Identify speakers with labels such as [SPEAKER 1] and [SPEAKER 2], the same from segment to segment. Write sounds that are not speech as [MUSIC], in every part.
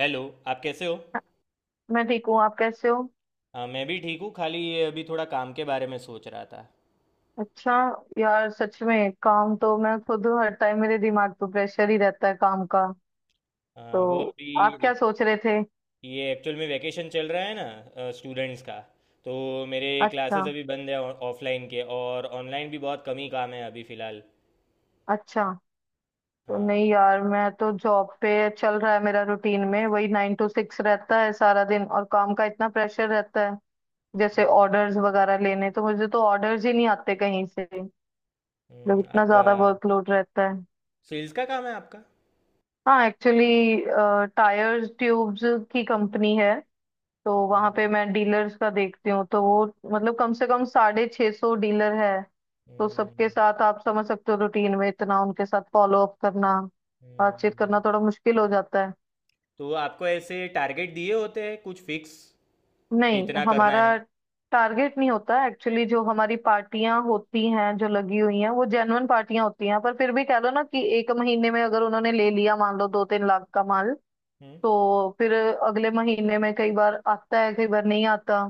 [SPEAKER 1] Hello. आप कैसे हो?
[SPEAKER 2] मैं ठीक हूँ। आप कैसे हो?
[SPEAKER 1] हाँ, मैं भी ठीक हूँ। खाली ये अभी थोड़ा काम के बारे में सोच रहा था।
[SPEAKER 2] अच्छा। यार सच में काम तो मैं खुद हूँ, हर टाइम मेरे दिमाग पे प्रेशर ही रहता है काम का।
[SPEAKER 1] हाँ, वो
[SPEAKER 2] तो आप
[SPEAKER 1] अभी
[SPEAKER 2] क्या सोच रहे थे?
[SPEAKER 1] ये एक्चुअल में वैकेशन चल रहा है ना स्टूडेंट्स का, तो मेरे
[SPEAKER 2] अच्छा।
[SPEAKER 1] क्लासेस अभी बंद है। ऑफलाइन के, और ऑनलाइन भी बहुत कम ही काम है अभी फ़िलहाल।
[SPEAKER 2] अच्छा। तो
[SPEAKER 1] हाँ।
[SPEAKER 2] नहीं यार, मैं तो जॉब पे चल रहा है, मेरा रूटीन में वही 9 to 6 रहता है सारा दिन, और काम का इतना प्रेशर रहता है, जैसे
[SPEAKER 1] हम्म,
[SPEAKER 2] ऑर्डर्स वगैरह लेने, तो मुझे तो ऑर्डर्स ही नहीं आते कहीं से। मतलब इतना
[SPEAKER 1] आपका
[SPEAKER 2] ज्यादा वर्कलोड रहता है।
[SPEAKER 1] सेल्स का काम है आपका?
[SPEAKER 2] हाँ एक्चुअली, टायर्स ट्यूब्स की कंपनी है, तो वहां पे
[SPEAKER 1] हम्म,
[SPEAKER 2] मैं डीलर्स का देखती हूँ, तो वो, मतलब कम से कम 650 डीलर है। तो सबके
[SPEAKER 1] हम्म,
[SPEAKER 2] साथ आप समझ सकते हो, रूटीन में इतना उनके साथ फॉलो अप करना, बातचीत करना
[SPEAKER 1] हम्म।
[SPEAKER 2] थोड़ा मुश्किल हो जाता है।
[SPEAKER 1] तो आपको ऐसे टारगेट दिए होते हैं कुछ फिक्स कि
[SPEAKER 2] नहीं,
[SPEAKER 1] इतना करना
[SPEAKER 2] हमारा
[SPEAKER 1] है?
[SPEAKER 2] टारगेट नहीं होता एक्चुअली, जो हमारी पार्टियां होती हैं जो लगी हुई हैं वो जेन्युइन पार्टियां होती हैं, पर फिर भी कह लो ना कि एक महीने में अगर उन्होंने ले लिया, मान लो 2-3 लाख का माल,
[SPEAKER 1] हम्म।
[SPEAKER 2] तो फिर अगले महीने में कई बार आता है कई बार नहीं आता।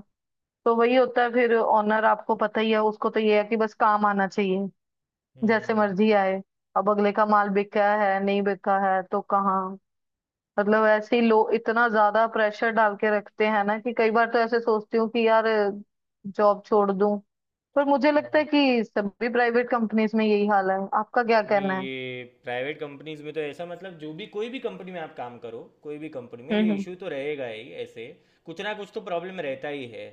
[SPEAKER 2] तो वही होता है, फिर ऑनर आपको पता ही है उसको, तो ये है कि बस काम आना चाहिए, जैसे
[SPEAKER 1] हम्म।
[SPEAKER 2] मर्जी आए। अब अगले का माल बिका है नहीं बिका है, तो कहाँ, मतलब ऐसे ही लोग इतना ज्यादा प्रेशर डाल के रखते हैं ना, कि कई बार तो ऐसे सोचती हूँ कि यार जॉब छोड़ दूं, पर मुझे लगता है
[SPEAKER 1] हाँ।
[SPEAKER 2] कि सभी प्राइवेट कंपनीज में यही हाल है। आपका क्या
[SPEAKER 1] नहीं,
[SPEAKER 2] कहना है?
[SPEAKER 1] ये प्राइवेट कंपनीज में तो ऐसा मतलब जो भी कोई भी कंपनी में आप काम करो, कोई भी कंपनी में
[SPEAKER 2] हम्म।
[SPEAKER 1] ये
[SPEAKER 2] हम्म।
[SPEAKER 1] इशू तो रहेगा ही ऐसे। कुछ ना कुछ तो प्रॉब्लम रहता ही है।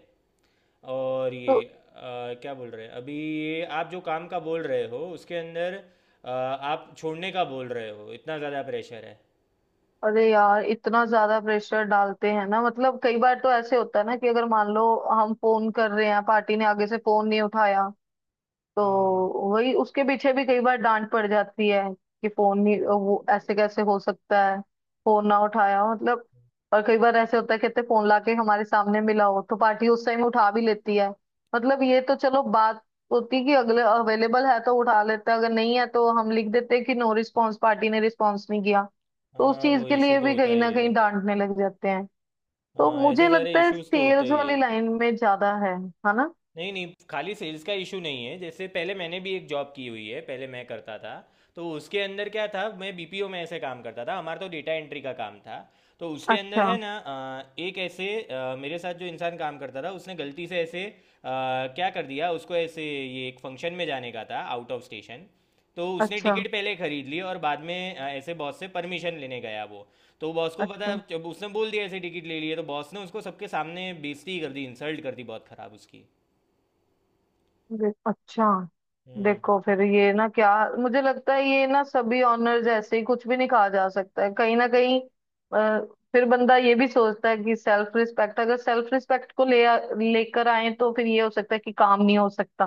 [SPEAKER 1] और ये
[SPEAKER 2] तो
[SPEAKER 1] क्या बोल रहे हैं अभी ये आप जो काम का बोल रहे हो उसके अंदर, आप छोड़ने का बोल रहे हो? इतना ज़्यादा प्रेशर है?
[SPEAKER 2] अरे यार, इतना ज्यादा प्रेशर डालते हैं ना, मतलब कई बार तो ऐसे होता है ना कि अगर मान लो हम फोन कर रहे हैं, पार्टी ने आगे से फोन नहीं उठाया, तो
[SPEAKER 1] हम्म।
[SPEAKER 2] वही उसके पीछे भी कई बार डांट पड़ जाती है कि फोन नहीं, वो ऐसे कैसे हो सकता है फोन ना उठाया हो, मतलब। और कई बार ऐसे होता है कहते फोन लाके हमारे सामने मिला हो, तो पार्टी उस टाइम उठा भी लेती है। मतलब ये तो चलो बात होती कि अगले अवेलेबल है तो उठा लेते हैं, अगर नहीं है तो हम लिख देते हैं कि नो रिस्पॉन्स, पार्टी ने रिस्पॉन्स नहीं किया, तो उस
[SPEAKER 1] हाँ,
[SPEAKER 2] चीज
[SPEAKER 1] वो
[SPEAKER 2] के
[SPEAKER 1] इशू
[SPEAKER 2] लिए
[SPEAKER 1] तो
[SPEAKER 2] भी
[SPEAKER 1] होता
[SPEAKER 2] कहीं ना
[SPEAKER 1] ही है।
[SPEAKER 2] कहीं डांटने लग जाते हैं। तो
[SPEAKER 1] हाँ, ऐसे
[SPEAKER 2] मुझे
[SPEAKER 1] सारे
[SPEAKER 2] लगता है
[SPEAKER 1] इश्यूज तो होते
[SPEAKER 2] सेल्स
[SPEAKER 1] ही
[SPEAKER 2] वाली
[SPEAKER 1] है।
[SPEAKER 2] लाइन में ज्यादा है ना?
[SPEAKER 1] नहीं नहीं, खाली सेल्स का इशू नहीं है। जैसे पहले मैंने भी एक जॉब की हुई है, पहले मैं करता था। तो उसके अंदर क्या था, मैं बीपीओ में ऐसे काम करता था, हमारा तो डेटा एंट्री का काम था। तो उसके अंदर
[SPEAKER 2] अच्छा।
[SPEAKER 1] है ना एक ऐसे, मेरे साथ जो इंसान काम करता था, उसने गलती से ऐसे क्या कर दिया, उसको ऐसे ये एक फंक्शन में जाने का था आउट ऑफ स्टेशन। तो उसने
[SPEAKER 2] अच्छा।
[SPEAKER 1] टिकट पहले खरीद ली और बाद में ऐसे बॉस से परमिशन लेने गया वो। तो बॉस को
[SPEAKER 2] अच्छा।
[SPEAKER 1] पता जब उसने बोल दिया ऐसे टिकट ले लिए, तो बॉस ने उसको सबके सामने बेइज्जती कर दी, इंसल्ट कर दी बहुत खराब उसकी।
[SPEAKER 2] अच्छा।
[SPEAKER 1] हम्म।
[SPEAKER 2] देखो, फिर ये ना क्या, मुझे लगता है ये ना सभी ऑनर्स ऐसे ही, कुछ भी नहीं कहा जा सकता है कहीं ना कहीं। अ, फिर बंदा ये भी सोचता है कि सेल्फ रिस्पेक्ट, अगर सेल्फ रिस्पेक्ट को लेकर आए तो फिर ये हो सकता है कि काम नहीं हो सकता,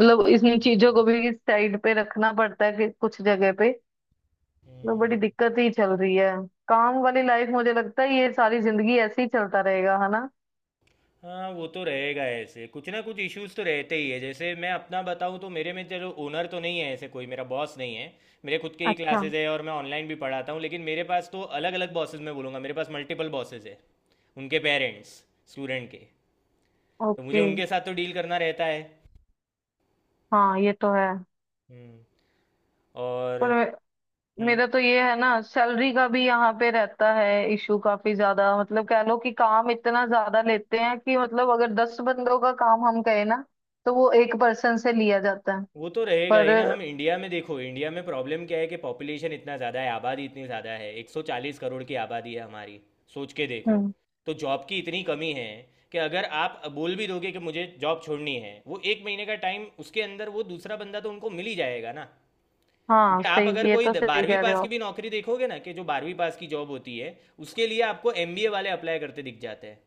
[SPEAKER 2] मतलब इन चीजों को भी साइड पे रखना पड़ता है कि कुछ जगह पे। तो
[SPEAKER 1] हम्म,
[SPEAKER 2] बड़ी दिक्कत ही चल रही है काम वाली लाइफ, मुझे लगता है ये सारी जिंदगी ऐसे ही चलता रहेगा, है ना?
[SPEAKER 1] हाँ वो तो रहेगा ऐसे। कुछ ना कुछ इश्यूज तो रहते ही है। जैसे मैं अपना बताऊँ, तो मेरे में चलो ओनर तो नहीं है ऐसे, कोई मेरा बॉस नहीं है। मेरे खुद के ही
[SPEAKER 2] अच्छा।
[SPEAKER 1] क्लासेज है और मैं ऑनलाइन भी पढ़ाता हूँ, लेकिन मेरे पास तो अलग अलग बॉसेज, मैं बोलूँगा मेरे पास मल्टीपल बॉसेज है। उनके पेरेंट्स, स्टूडेंट के। तो मुझे
[SPEAKER 2] ओके।
[SPEAKER 1] उनके साथ तो डील करना रहता है।
[SPEAKER 2] हाँ ये तो है,
[SPEAKER 1] हम्म। और
[SPEAKER 2] पर।
[SPEAKER 1] हम्म,
[SPEAKER 2] मेरा तो ये है ना, सैलरी का भी यहाँ पे रहता है इशू काफी ज्यादा, मतलब कह लो कि काम इतना ज्यादा लेते हैं कि, मतलब अगर 10 बंदों का काम हम कहें ना, तो वो एक पर्सन से लिया जाता है।
[SPEAKER 1] वो तो रहेगा
[SPEAKER 2] पर।
[SPEAKER 1] ही ना। हम इंडिया में देखो, इंडिया में प्रॉब्लम क्या है कि पॉपुलेशन इतना ज़्यादा है, आबादी इतनी ज़्यादा है, 140 करोड़ की आबादी है हमारी। सोच के देखो।
[SPEAKER 2] हम्म।
[SPEAKER 1] तो जॉब की इतनी कमी है कि अगर आप बोल भी दोगे कि मुझे जॉब छोड़नी है, वो 1 महीने का टाइम उसके अंदर वो दूसरा बंदा तो उनको मिल ही जाएगा ना।
[SPEAKER 2] हाँ
[SPEAKER 1] क्योंकि आप अगर
[SPEAKER 2] सही, ये तो सही
[SPEAKER 1] 12वीं
[SPEAKER 2] कह रहे
[SPEAKER 1] पास
[SPEAKER 2] हो
[SPEAKER 1] की
[SPEAKER 2] आप।
[SPEAKER 1] भी नौकरी देखोगे ना, कि जो 12वीं पास की जॉब होती है, उसके लिए आपको एमबीए वाले अप्लाई करते दिख जाते हैं।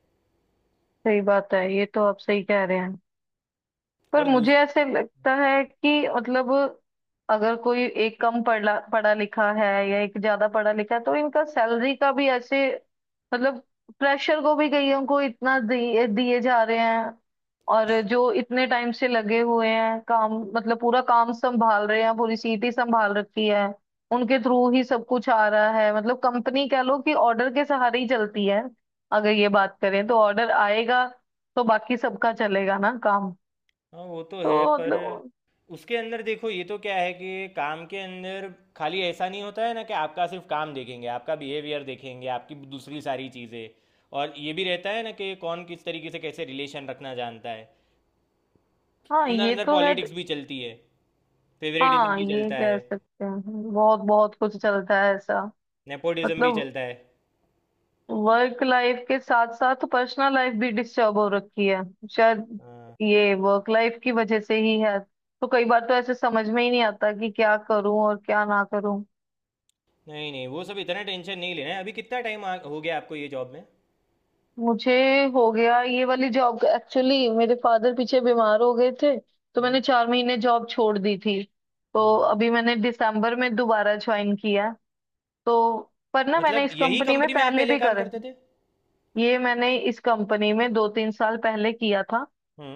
[SPEAKER 2] सही बात है, ये तो आप सही कह रहे हैं, पर
[SPEAKER 1] और दूस
[SPEAKER 2] मुझे ऐसे लगता है कि, मतलब अगर कोई एक कम पढ़ा पढ़ा लिखा है या एक ज्यादा पढ़ा लिखा है, तो इनका सैलरी का भी ऐसे, मतलब प्रेशर को भी कईयों को इतना दिए दिए जा रहे हैं, और जो इतने टाइम से लगे हुए हैं काम, मतलब पूरा काम संभाल रहे हैं, पूरी सीट ही संभाल रखी है, उनके थ्रू ही सब कुछ आ रहा है, मतलब कंपनी कह लो कि ऑर्डर के सहारे ही चलती है। अगर ये बात करें, तो ऑर्डर आएगा तो बाकी सबका चलेगा ना काम।
[SPEAKER 1] हाँ, वो तो
[SPEAKER 2] तो
[SPEAKER 1] है। पर
[SPEAKER 2] मतलब,
[SPEAKER 1] उसके अंदर देखो, ये तो क्या है कि काम के अंदर खाली ऐसा नहीं होता है ना कि आपका सिर्फ काम देखेंगे। आपका बिहेवियर देखेंगे, आपकी दूसरी सारी चीज़ें। और ये भी रहता है ना कि कौन किस तरीके से कैसे रिलेशन रखना जानता है।
[SPEAKER 2] हाँ
[SPEAKER 1] अंदर
[SPEAKER 2] ये
[SPEAKER 1] अंदर
[SPEAKER 2] तो है।
[SPEAKER 1] पॉलिटिक्स भी चलती है, फेवरेटिज्म
[SPEAKER 2] हाँ
[SPEAKER 1] भी
[SPEAKER 2] ये
[SPEAKER 1] चलता
[SPEAKER 2] कह
[SPEAKER 1] है,
[SPEAKER 2] सकते हैं, बहुत बहुत कुछ चलता है ऐसा।
[SPEAKER 1] नेपोटिज्म भी
[SPEAKER 2] मतलब
[SPEAKER 1] चलता है।
[SPEAKER 2] वर्क लाइफ के साथ साथ पर्सनल लाइफ भी डिस्टर्ब हो रखी है शायद,
[SPEAKER 1] हाँ।
[SPEAKER 2] ये वर्क लाइफ की वजह से ही है। तो कई बार तो ऐसे समझ में ही नहीं आता कि क्या करूं और क्या ना करूं।
[SPEAKER 1] नहीं नहीं, वो सब इतना टेंशन नहीं लेना है। अभी कितना टाइम हो गया आपको ये जॉब में?
[SPEAKER 2] मुझे हो गया ये वाली जॉब, एक्चुअली मेरे फादर पीछे बीमार हो गए थे, तो
[SPEAKER 1] हम्म।
[SPEAKER 2] मैंने 4 महीने जॉब छोड़ दी थी, तो
[SPEAKER 1] हम्म।
[SPEAKER 2] अभी मैंने दिसंबर में दोबारा ज्वाइन किया। तो पर ना मैंने
[SPEAKER 1] मतलब
[SPEAKER 2] इस
[SPEAKER 1] यही
[SPEAKER 2] कंपनी में
[SPEAKER 1] कंपनी में आप
[SPEAKER 2] पहले
[SPEAKER 1] पहले
[SPEAKER 2] भी
[SPEAKER 1] काम
[SPEAKER 2] कर,
[SPEAKER 1] करते थे?
[SPEAKER 2] ये मैंने इस कंपनी में 2-3 साल पहले किया था,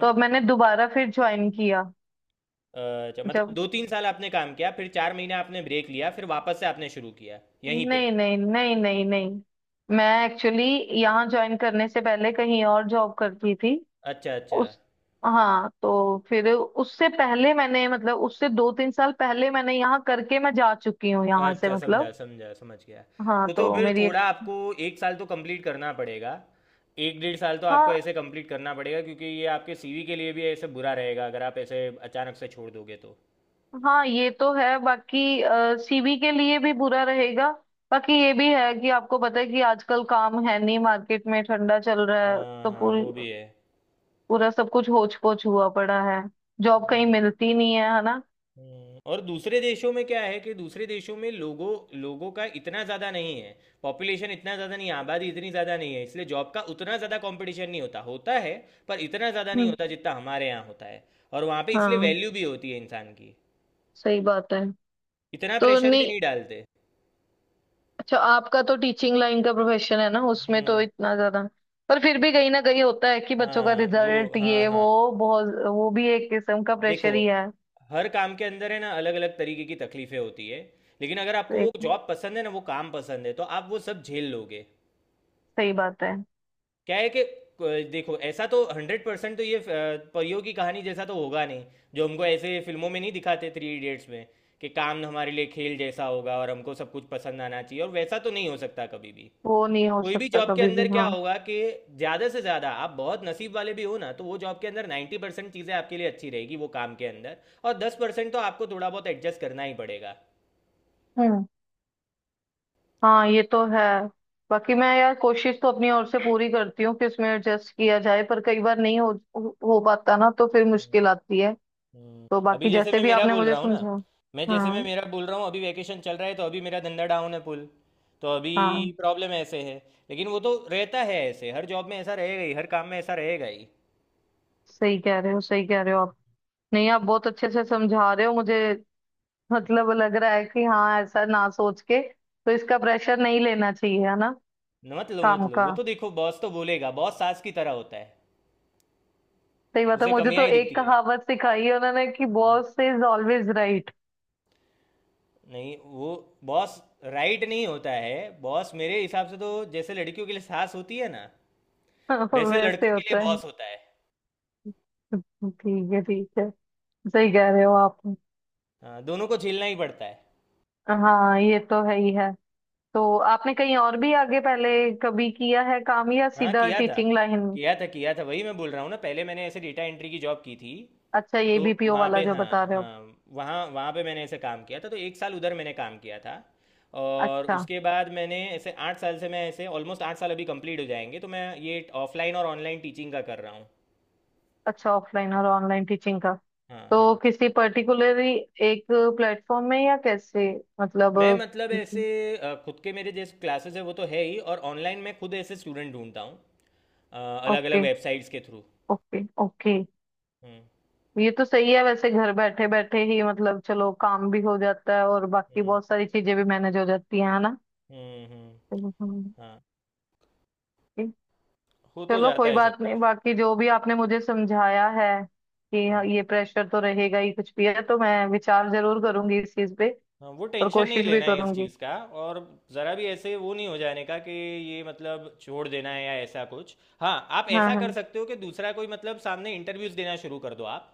[SPEAKER 2] तो अब मैंने दोबारा फिर ज्वाइन किया।
[SPEAKER 1] अच्छा, मतलब
[SPEAKER 2] जब
[SPEAKER 1] 2 3 साल आपने काम किया, फिर 4 महीने आपने ब्रेक लिया, फिर वापस से आपने शुरू किया यहीं पे?
[SPEAKER 2] नहीं नहीं नहीं नहीं नहीं, मैं एक्चुअली यहाँ ज्वाइन करने से पहले कहीं और जॉब करती थी।
[SPEAKER 1] अच्छा, अच्छा।
[SPEAKER 2] उस हाँ तो फिर उससे पहले मैंने, मतलब उससे 2-3 साल पहले मैंने यहाँ करके मैं जा चुकी हूँ यहाँ से,
[SPEAKER 1] अच्छा, समझा
[SPEAKER 2] मतलब।
[SPEAKER 1] समझा, समझ गया।
[SPEAKER 2] हाँ
[SPEAKER 1] तो
[SPEAKER 2] तो
[SPEAKER 1] फिर
[SPEAKER 2] मेरी एक,
[SPEAKER 1] थोड़ा आपको 1 साल तो कंप्लीट करना पड़ेगा। 1 डेढ़ साल तो आपको
[SPEAKER 2] हाँ
[SPEAKER 1] ऐसे कंप्लीट करना पड़ेगा, क्योंकि ये आपके सीवी के लिए भी ऐसे बुरा रहेगा अगर आप ऐसे अचानक से छोड़ दोगे तो।
[SPEAKER 2] हाँ ये तो है बाकी, सीवी के लिए भी बुरा रहेगा, बाकी ये भी है कि आपको पता है कि आजकल काम है नहीं, मार्केट में ठंडा चल रहा है,
[SPEAKER 1] हाँ
[SPEAKER 2] तो
[SPEAKER 1] हाँ,
[SPEAKER 2] पूरी
[SPEAKER 1] वो भी है।
[SPEAKER 2] पूरा सब कुछ होच पोच हुआ पड़ा है, जॉब
[SPEAKER 1] हाँ।
[SPEAKER 2] कहीं मिलती नहीं है, है ना?
[SPEAKER 1] और दूसरे देशों में क्या है कि दूसरे देशों में लोगों लोगों का इतना ज़्यादा नहीं है। पॉपुलेशन इतना ज़्यादा नहीं है, आबादी इतनी ज़्यादा नहीं है, इसलिए जॉब का उतना ज़्यादा कंपटीशन नहीं होता होता है। पर इतना ज़्यादा नहीं
[SPEAKER 2] हम्म।
[SPEAKER 1] होता जितना हमारे यहाँ होता है। और वहाँ पे इसलिए
[SPEAKER 2] हाँ
[SPEAKER 1] वैल्यू भी होती है इंसान की।
[SPEAKER 2] सही बात है।
[SPEAKER 1] इतना
[SPEAKER 2] तो
[SPEAKER 1] प्रेशर भी
[SPEAKER 2] नहीं,
[SPEAKER 1] नहीं डालते।
[SPEAKER 2] अच्छा आपका तो टीचिंग लाइन का प्रोफेशन है ना, उसमें तो
[SPEAKER 1] हम्म।
[SPEAKER 2] इतना ज्यादा, पर फिर भी कहीं ना कहीं होता है कि बच्चों का
[SPEAKER 1] हाँ वो,
[SPEAKER 2] रिजल्ट
[SPEAKER 1] हाँ
[SPEAKER 2] ये
[SPEAKER 1] हाँ।
[SPEAKER 2] वो, बहुत वो भी एक किस्म का
[SPEAKER 1] देखो,
[SPEAKER 2] प्रेशर ही है।
[SPEAKER 1] हर काम के अंदर है ना अलग अलग तरीके की तकलीफें होती है। लेकिन अगर आपको वो
[SPEAKER 2] एक,
[SPEAKER 1] जॉब पसंद है ना, वो काम पसंद है, तो आप वो सब झेल लोगे।
[SPEAKER 2] सही बात है।
[SPEAKER 1] क्या है कि, देखो ऐसा तो 100% तो ये परियों की कहानी जैसा तो होगा नहीं। जो हमको ऐसे फिल्मों में नहीं दिखाते थ्री इडियट्स में, कि काम हमारे लिए खेल जैसा होगा और हमको सब कुछ पसंद आना चाहिए, और वैसा तो नहीं हो सकता कभी भी।
[SPEAKER 2] वो नहीं हो
[SPEAKER 1] कोई भी
[SPEAKER 2] सकता
[SPEAKER 1] जॉब के
[SPEAKER 2] कभी भी,
[SPEAKER 1] अंदर क्या
[SPEAKER 2] हाँ।
[SPEAKER 1] होगा कि ज़्यादा से ज़्यादा आप बहुत नसीब वाले भी हो ना, तो वो जॉब के अंदर 90% चीज़ें आपके लिए अच्छी रहेगी वो काम के अंदर। और 10% तो आपको थोड़ा बहुत एडजस्ट करना ही पड़ेगा।
[SPEAKER 2] हम्म। हाँ ये तो है, बाकी मैं यार कोशिश तो अपनी ओर से पूरी करती हूँ कि उसमें एडजस्ट किया जाए, पर कई बार नहीं हो पाता ना, तो फिर मुश्किल आती है। तो
[SPEAKER 1] अभी
[SPEAKER 2] बाकी
[SPEAKER 1] जैसे
[SPEAKER 2] जैसे
[SPEAKER 1] मैं
[SPEAKER 2] भी
[SPEAKER 1] मेरा
[SPEAKER 2] आपने
[SPEAKER 1] बोल
[SPEAKER 2] मुझे
[SPEAKER 1] रहा हूँ ना,
[SPEAKER 2] समझाया,
[SPEAKER 1] मैं जैसे मैं
[SPEAKER 2] हाँ
[SPEAKER 1] मेरा बोल रहा हूँ, अभी वैकेशन चल रहा है तो अभी मेरा धंधा डाउन है पुल। तो अभी
[SPEAKER 2] हाँ,
[SPEAKER 1] प्रॉब्लम ऐसे है। लेकिन वो तो रहता है ऐसे, हर जॉब में ऐसा रहेगा ही, हर काम में ऐसा रहेगा ही।
[SPEAKER 2] सही कह रहे हो सही कह रहे हो आप। नहीं, आप बहुत अच्छे से समझा रहे हो मुझे। [LAUGHS] मतलब लग रहा है कि हाँ, ऐसा ना सोच के, तो इसका प्रेशर नहीं लेना चाहिए, है ना?
[SPEAKER 1] मत लो मत
[SPEAKER 2] काम
[SPEAKER 1] लो,
[SPEAKER 2] का।
[SPEAKER 1] वो तो देखो बॉस तो बोलेगा। बॉस सास की तरह होता है,
[SPEAKER 2] सही बात है,
[SPEAKER 1] उसे
[SPEAKER 2] मुझे
[SPEAKER 1] कमियां
[SPEAKER 2] तो
[SPEAKER 1] ही
[SPEAKER 2] एक
[SPEAKER 1] दिखती है।
[SPEAKER 2] कहावत सिखाई है उन्होंने कि
[SPEAKER 1] हम्म।
[SPEAKER 2] Boss is always right.
[SPEAKER 1] नहीं, वो बॉस राइट नहीं होता है। बॉस मेरे हिसाब से तो जैसे लड़कियों के लिए सास होती है ना,
[SPEAKER 2] [LAUGHS] हाँ,
[SPEAKER 1] वैसे
[SPEAKER 2] वैसे
[SPEAKER 1] लड़कों के लिए
[SPEAKER 2] होता है।
[SPEAKER 1] बॉस होता है।
[SPEAKER 2] ठीक है ठीक है, सही कह रहे हो आप।
[SPEAKER 1] हाँ, दोनों को झेलना ही पड़ता है।
[SPEAKER 2] हाँ ये तो है ही है। तो आपने कहीं और भी आगे पहले कभी किया है काम या
[SPEAKER 1] हाँ
[SPEAKER 2] सीधा
[SPEAKER 1] किया था
[SPEAKER 2] टीचिंग लाइन?
[SPEAKER 1] किया था किया था। वही मैं बोल रहा हूँ ना, पहले मैंने ऐसे डेटा एंट्री की जॉब की थी।
[SPEAKER 2] अच्छा, ये
[SPEAKER 1] तो
[SPEAKER 2] बीपीओ
[SPEAKER 1] वहाँ
[SPEAKER 2] वाला
[SPEAKER 1] पे,
[SPEAKER 2] जो बता
[SPEAKER 1] हाँ
[SPEAKER 2] रहे हो।
[SPEAKER 1] हाँ, वहाँ वहाँ पे मैंने ऐसे काम किया था। तो 1 साल उधर मैंने काम किया था, और
[SPEAKER 2] अच्छा
[SPEAKER 1] उसके बाद मैंने ऐसे 8 साल से, मैं ऐसे ऑलमोस्ट 8 साल अभी कंप्लीट हो जाएंगे, तो मैं ये ऑफलाइन और ऑनलाइन टीचिंग का कर रहा हूँ।
[SPEAKER 2] अच्छा, ऑफलाइन और ऑनलाइन टीचिंग का।
[SPEAKER 1] हाँ हाँ।
[SPEAKER 2] तो किसी पर्टिकुलरली एक प्लेटफॉर्म में या कैसे, मतलब।
[SPEAKER 1] मैं मतलब ऐसे, खुद के मेरे जैसे क्लासेस है वो तो है ही, और ऑनलाइन मैं खुद ऐसे स्टूडेंट ढूंढता हूँ अलग अलग
[SPEAKER 2] ओके
[SPEAKER 1] वेबसाइट्स के थ्रू।
[SPEAKER 2] ओके ओके,
[SPEAKER 1] हम्म।
[SPEAKER 2] ये तो सही है वैसे, घर बैठे बैठे ही मतलब चलो काम भी हो जाता है, और बाकी
[SPEAKER 1] हम्म,
[SPEAKER 2] बहुत सारी चीजें भी मैनेज हो जाती हैं, है ना?
[SPEAKER 1] हम्म,
[SPEAKER 2] हम्म। हम्म।
[SPEAKER 1] हाँ। हो तो
[SPEAKER 2] चलो
[SPEAKER 1] जाता
[SPEAKER 2] कोई
[SPEAKER 1] है सब
[SPEAKER 2] बात नहीं,
[SPEAKER 1] कुछ।
[SPEAKER 2] बाकी जो भी आपने मुझे समझाया है कि हाँ,
[SPEAKER 1] हम्म।
[SPEAKER 2] ये प्रेशर तो रहेगा ही कुछ भी है, तो मैं विचार जरूर करूंगी इस चीज पे
[SPEAKER 1] हाँ, वो
[SPEAKER 2] और
[SPEAKER 1] टेंशन नहीं
[SPEAKER 2] कोशिश भी
[SPEAKER 1] लेना है इस
[SPEAKER 2] करूंगी।
[SPEAKER 1] चीज़ का। और ज़रा भी ऐसे वो नहीं हो जाने का कि ये मतलब छोड़ देना है या ऐसा कुछ। हाँ, आप
[SPEAKER 2] हाँ
[SPEAKER 1] ऐसा कर
[SPEAKER 2] हाँ।
[SPEAKER 1] सकते हो कि दूसरा कोई मतलब सामने इंटरव्यूज़ देना शुरू कर दो आप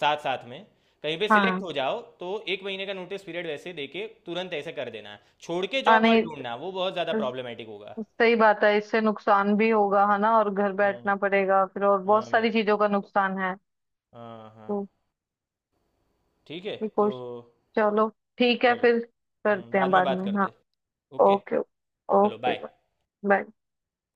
[SPEAKER 1] साथ साथ में। कहीं पे सिलेक्ट
[SPEAKER 2] हाँ
[SPEAKER 1] हो जाओ तो 1 महीने का नोटिस पीरियड वैसे दे के तुरंत ऐसे कर देना। छोड़ के
[SPEAKER 2] हाँ
[SPEAKER 1] जॉब मत
[SPEAKER 2] नहीं,
[SPEAKER 1] ढूंढना, वो बहुत ज़्यादा
[SPEAKER 2] स-
[SPEAKER 1] प्रॉब्लमेटिक होगा।
[SPEAKER 2] सही बात है, इससे नुकसान भी होगा है ना, और घर
[SPEAKER 1] हाँ।
[SPEAKER 2] बैठना पड़ेगा फिर, और
[SPEAKER 1] हाँ
[SPEAKER 2] बहुत सारी
[SPEAKER 1] भाई,
[SPEAKER 2] चीजों का नुकसान है।
[SPEAKER 1] हाँ हाँ।
[SPEAKER 2] तो
[SPEAKER 1] ठीक है
[SPEAKER 2] ये
[SPEAKER 1] तो
[SPEAKER 2] कोश चलो ठीक है
[SPEAKER 1] चलो।
[SPEAKER 2] फिर, करते हैं
[SPEAKER 1] बाद में
[SPEAKER 2] बाद
[SPEAKER 1] बात
[SPEAKER 2] में,
[SPEAKER 1] करते
[SPEAKER 2] हाँ।
[SPEAKER 1] हैं। ओके।
[SPEAKER 2] ओके।
[SPEAKER 1] चलो,
[SPEAKER 2] ओके।
[SPEAKER 1] बाय।
[SPEAKER 2] बाय।